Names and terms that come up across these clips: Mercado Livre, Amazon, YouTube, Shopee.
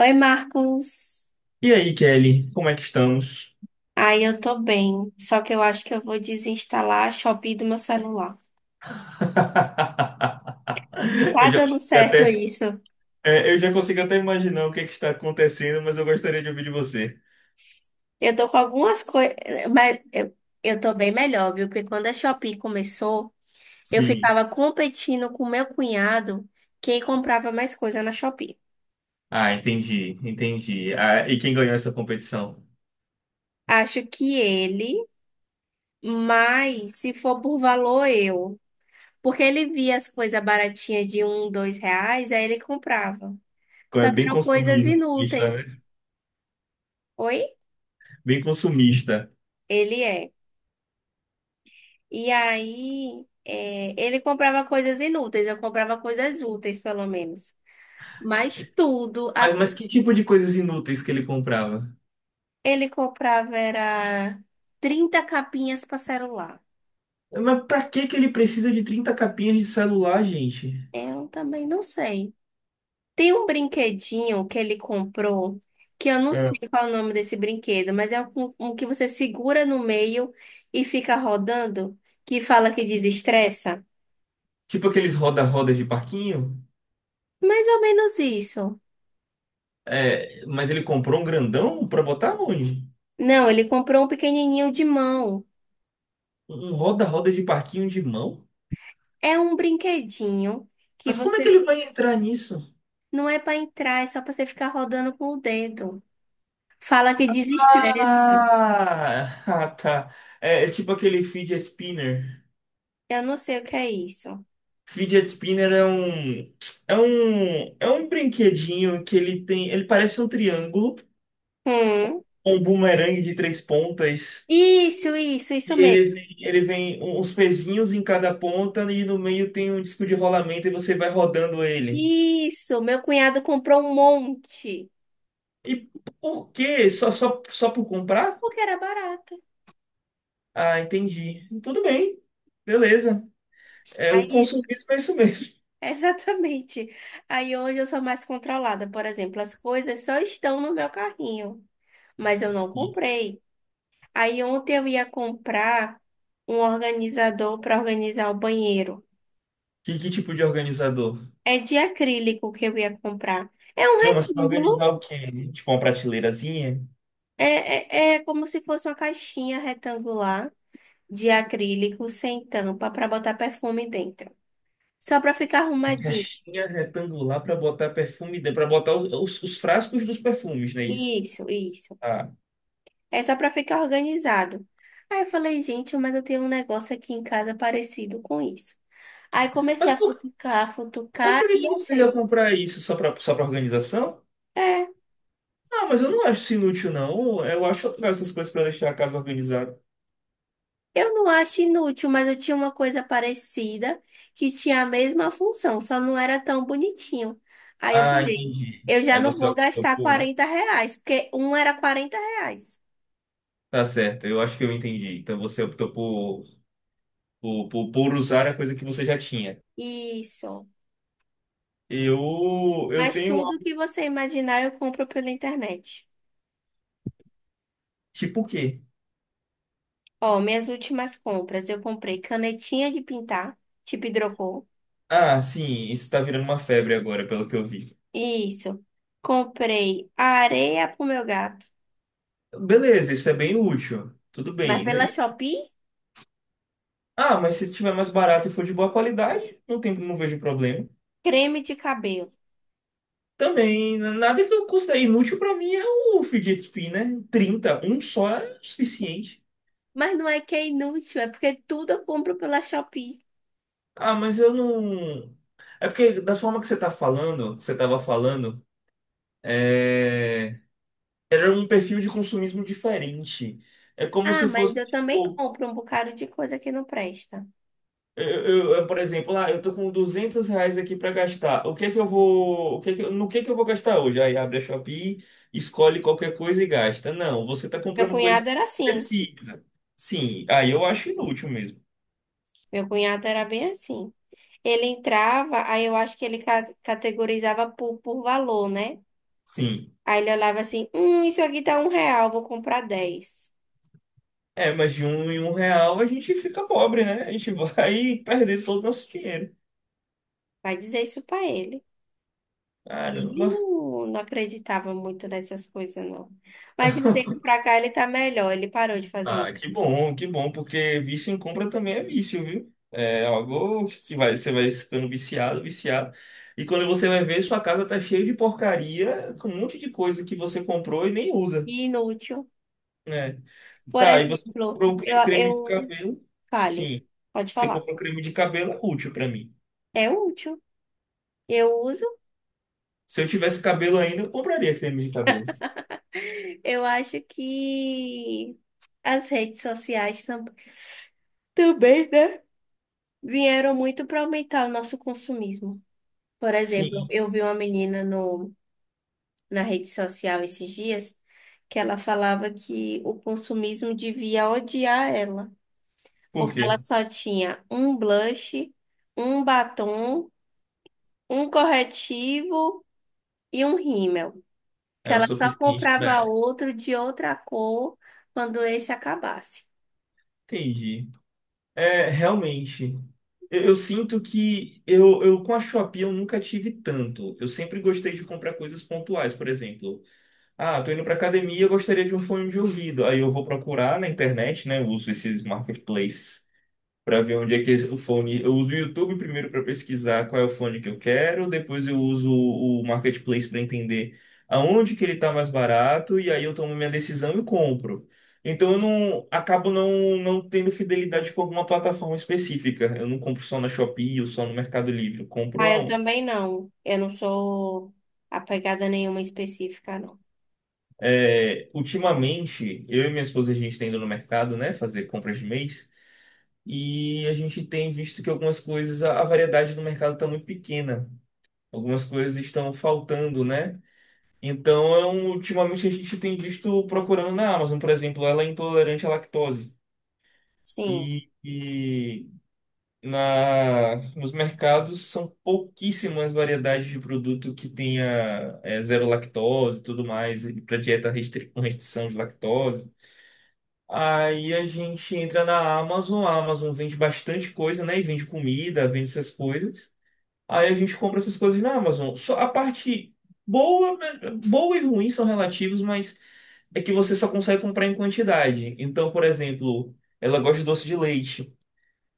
Oi, Marcos. E aí, Kelly, como é que estamos? Ai, eu tô bem. Só que eu acho que eu vou desinstalar a Shopee do meu celular. Não Eu tá já dando consigo certo até, isso. é, eu já consigo até imaginar o que é que está acontecendo, mas eu gostaria de ouvir de você. Eu tô com algumas coisas, mas eu tô bem melhor, viu? Porque quando a Shopee começou, eu Sim. ficava competindo com meu cunhado quem comprava mais coisa na Shopee. Ah, entendi, entendi. Ah, e quem ganhou essa competição? Acho que ele, mas se for por valor, eu. Porque ele via as coisas baratinhas de 1, 2 reais, aí ele comprava. É Só que bem eram coisas consumista, inúteis. né? Oi? Bem consumista. Ele é. E aí, é, ele comprava coisas inúteis, eu comprava coisas úteis, pelo menos. Mas tudo, Mas que tipo de coisas inúteis que ele comprava? ele comprava era 30 capinhas para celular. Mas pra que que ele precisa de 30 capinhas de celular, gente? Eu também não sei. Tem um brinquedinho que ele comprou, que eu não sei É. qual é o nome desse brinquedo, mas é um que você segura no meio e fica rodando, que fala que desestressa. Tipo aqueles roda-rodas de parquinho? Mais ou menos isso. É, mas ele comprou um grandão pra botar onde? Não, ele comprou um pequenininho de mão. Um roda-roda de parquinho de mão? É um brinquedinho que Mas como é você que ele vai entrar nisso? não é para entrar, é só para você ficar rodando com o dedo. Fala que desestressa. Ah, ah, tá. É, é tipo aquele fidget spinner. Eu não sei o que é isso. Fidget spinner é um brinquedinho que ele tem. Ele parece um triângulo, Hum. um bumerangue de três pontas. Isso E mesmo. ele vem, ele vem um, uns pezinhos em cada ponta e no meio tem um disco de rolamento e você vai rodando ele. Isso, meu cunhado comprou um monte, E por quê? Só por comprar? porque era barato. Ah, entendi. Tudo bem. Beleza. É, o Aí, consumismo é isso mesmo. exatamente. Aí hoje eu sou mais controlada, por exemplo, as coisas só estão no meu carrinho, mas eu não Sim. comprei. Aí ontem eu ia comprar um organizador para organizar o banheiro. Que tipo de organizador? É de acrílico que eu ia comprar. É um Não, mas para organizar retângulo, o quê? Tipo uma prateleirazinha? é, é como se fosse uma caixinha retangular de acrílico sem tampa para botar perfume dentro. Só para ficar Uma arrumadinho. caixinha retangular para botar perfume, para botar os frascos dos perfumes, não é isso? Isso, isso. Ah. É só para ficar organizado. Aí eu falei, gente, mas eu tenho um negócio aqui em casa parecido com isso. Aí comecei Mas, a futucar, mas futucar para que que e você ia achei. comprar isso? Só para organização? É. Ah, mas eu não acho isso inútil, não. Eu acho legal essas coisas para deixar a casa organizada. Eu não acho inútil, mas eu tinha uma coisa parecida que tinha a mesma função, só não era tão bonitinho. Aí eu Ah, falei, entendi. eu já Aí não você vou optou gastar por. 40 reais, porque um era 40 reais. Tá certo, eu acho que eu entendi. Então você optou por usar a coisa que você já tinha. Isso. Eu, eu Mas tenho. Tudo que você imaginar eu compro pela internet. Tipo o quê? Ó, minhas últimas compras, eu comprei canetinha de pintar, tipo hidrocor. Ah, sim, isso tá virando uma febre agora, pelo que eu vi. Isso. Comprei areia pro meu gato, Beleza, isso é bem útil. Tudo mas bem. Pela Shopee, Ah, mas se tiver mais barato e for de boa qualidade, não tem, não vejo problema. creme de cabelo. Também, nada que eu considere inútil pra mim é o fidget spinner. 30. Um só é o suficiente. Mas não é que é inútil, é porque tudo eu compro pela Shopee. Ah, mas eu não. É porque, da forma que você tá falando, que você tava falando, é... era um perfil de consumismo diferente. É como Ah, se mas fosse, eu também tipo, compro um bocado de coisa que não presta. eu, por exemplo, ah, eu tô com R$ 200 aqui para gastar. O que que eu vou, o que que, no que eu vou gastar hoje? Aí abre a Shopee, escolhe qualquer coisa e gasta. Não, você tá Meu comprando coisas cunhado que era assim. precisa. Sim, aí eu acho inútil mesmo. Meu cunhado era bem assim. Ele entrava, aí eu acho que ele categorizava por valor, né? Sim. Aí ele olhava assim: isso aqui tá 1 real, vou comprar 10. É, mas de um em um real a gente fica pobre, né? A gente vai perder todo o nosso dinheiro. Vai dizer isso pra ele. Ele Caramba. não acreditava muito nessas coisas, não. Mas de um tempo pra cá ele tá melhor, ele parou de fazer. Ah, que bom, porque vício em compra também é vício, viu? É algo que vai, você vai ficando viciado, viciado. E quando você vai ver, sua casa tá cheia de porcaria, com um monte de coisa que você comprou e nem usa, Inútil. né? Por Tá, e você exemplo, comprou um eu, eu creme de cabelo? Fale, Sim, pode você falar. comprou um creme de cabelo, é útil pra mim. É útil. Eu uso. Se eu tivesse cabelo ainda, eu compraria creme de cabelo. Eu acho que as redes sociais também, né? Vieram muito para aumentar o nosso consumismo. Por exemplo, Sim, eu vi uma menina no, na rede social esses dias que ela falava que o consumismo devia odiar ela, por porque quê? ela só tinha um blush, um batom, um corretivo e um rímel. Que É o ela só suficiente da comprava era. outro de outra cor quando esse acabasse. Entendi. É, realmente. Eu sinto que eu com a Shopee eu nunca tive tanto. Eu sempre gostei de comprar coisas pontuais, por exemplo. Ah, tô indo pra academia, eu gostaria de um fone de ouvido. Aí eu vou procurar na internet, né? Eu uso esses marketplaces para ver onde é que o fone. Eu uso o YouTube primeiro para pesquisar qual é o fone que eu quero, depois eu uso o Marketplace para entender aonde que ele está mais barato e aí eu tomo minha decisão e compro. Então eu não acabo não, tendo fidelidade com alguma plataforma específica. Eu não compro só na Shopee ou só no Mercado Livre. Eu compro Ah, eu aonde? também não. Eu não sou apegada a nenhuma específica, não. É, ultimamente, eu e minha esposa a gente está indo no mercado, né, fazer compras de mês. E a gente tem visto que algumas coisas, a variedade do mercado está muito pequena. Algumas coisas estão faltando, né? Então, ultimamente a gente tem visto procurando na Amazon, por exemplo, ela é intolerante à lactose. Sim, E nos mercados são pouquíssimas variedades de produto que tenha zero lactose e tudo mais, para dieta com restrição de lactose. Aí a gente entra na Amazon, a Amazon vende bastante coisa, né? E vende comida, vende essas coisas. Aí a gente compra essas coisas na Amazon. Só a parte boa, né, boa e ruim são relativos, mas é que você só consegue comprar em quantidade. Então, por exemplo, ela gosta de doce de leite.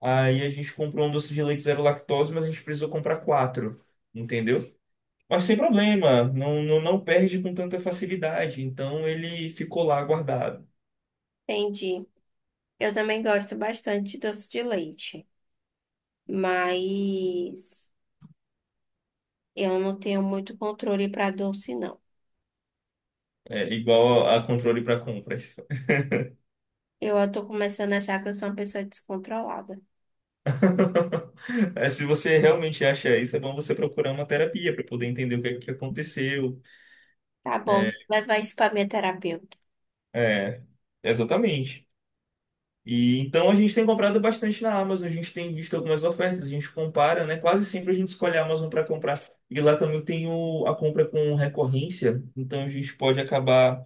Aí a gente comprou um doce de leite zero lactose, mas a gente precisou comprar quatro, entendeu? Mas sem problema, não, não, não perde com tanta facilidade. Então ele ficou lá guardado. entendi. Eu também gosto bastante de doce de leite, mas eu não tenho muito controle para doce, não. É igual a controle para compras. Eu tô começando a achar que eu sou uma pessoa descontrolada. É, se você realmente acha isso, é bom você procurar uma terapia para poder entender o que é que aconteceu. Tá bom, É, levar isso para minha terapeuta. é, exatamente. E então a gente tem comprado bastante na Amazon, a gente tem visto algumas ofertas, a gente compara, né? Quase sempre a gente escolhe a Amazon para comprar. E lá também tem a compra com recorrência, então a gente pode acabar,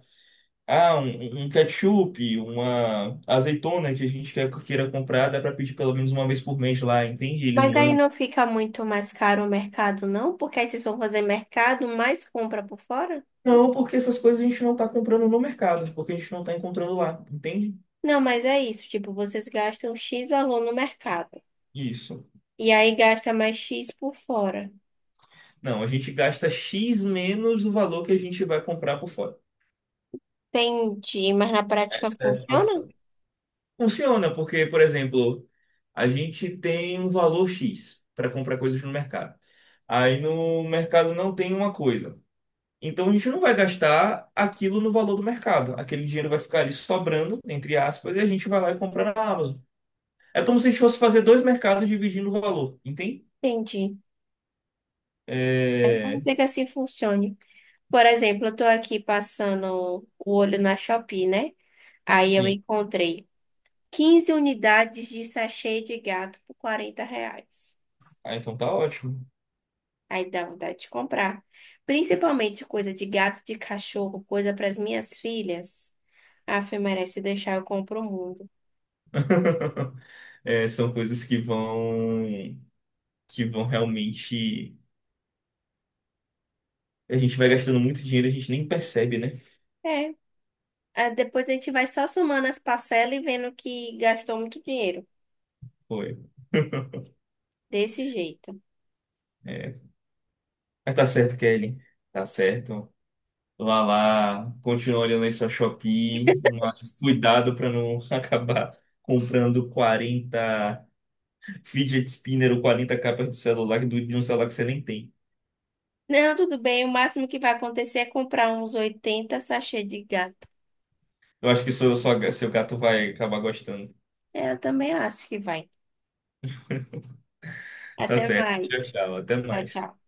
ah, um ketchup, uma azeitona que a gente queira comprar, dá para pedir pelo menos uma vez por mês lá, entende? Eles Mas aí mandam. não fica muito mais caro o mercado, não? Porque aí vocês vão fazer mercado mais compra por fora? Não, porque essas coisas a gente não está comprando no mercado, porque a gente não está encontrando lá, entende? Não, mas é isso, tipo, vocês gastam X valor no mercado Isso. e aí gasta mais X por fora. Não, a gente gasta X menos o valor que a gente vai comprar por fora. Entendi, mas na prática Essa é a funciona? relação. Funciona, porque, por exemplo, a gente tem um valor X para comprar coisas no mercado. Aí no mercado não tem uma coisa. Então a gente não vai gastar aquilo no valor do mercado. Aquele dinheiro vai ficar ali sobrando, entre aspas, e a gente vai lá e compra na Amazon. É como se a gente fosse fazer dois mercados dividindo o valor, entende? Entendi. É. Vamos É... dizer que assim funcione. Por exemplo, eu tô aqui passando o olho na Shopee, né? Aí eu Sim. encontrei 15 unidades de sachê de gato por 40 reais. Ah, então tá ótimo. Aí dá vontade de comprar. Principalmente coisa de gato, de cachorro, coisa para as minhas filhas. Ah, Fê, merece deixar, eu compro o mundo. É, são coisas que vão realmente. A gente vai gastando muito dinheiro, e a gente nem percebe, né? É. Ah, depois a gente vai só somando as parcelas e vendo que gastou muito dinheiro. Foi. Desse jeito. É. Mas tá certo, Kelly. Tá certo. Vá lá, continua olhando aí sua Shopee, mas cuidado para não acabar comprando 40 fidget spinner ou 40 capas de celular de um celular que você nem tem. Não, tudo bem. O máximo que vai acontecer é comprar uns 80 sachê de gato. Eu acho que seu gato vai acabar gostando. É, eu também acho que vai. Tá Até certo. Tchau, mais. tchau. Até Tchau, mais. tchau.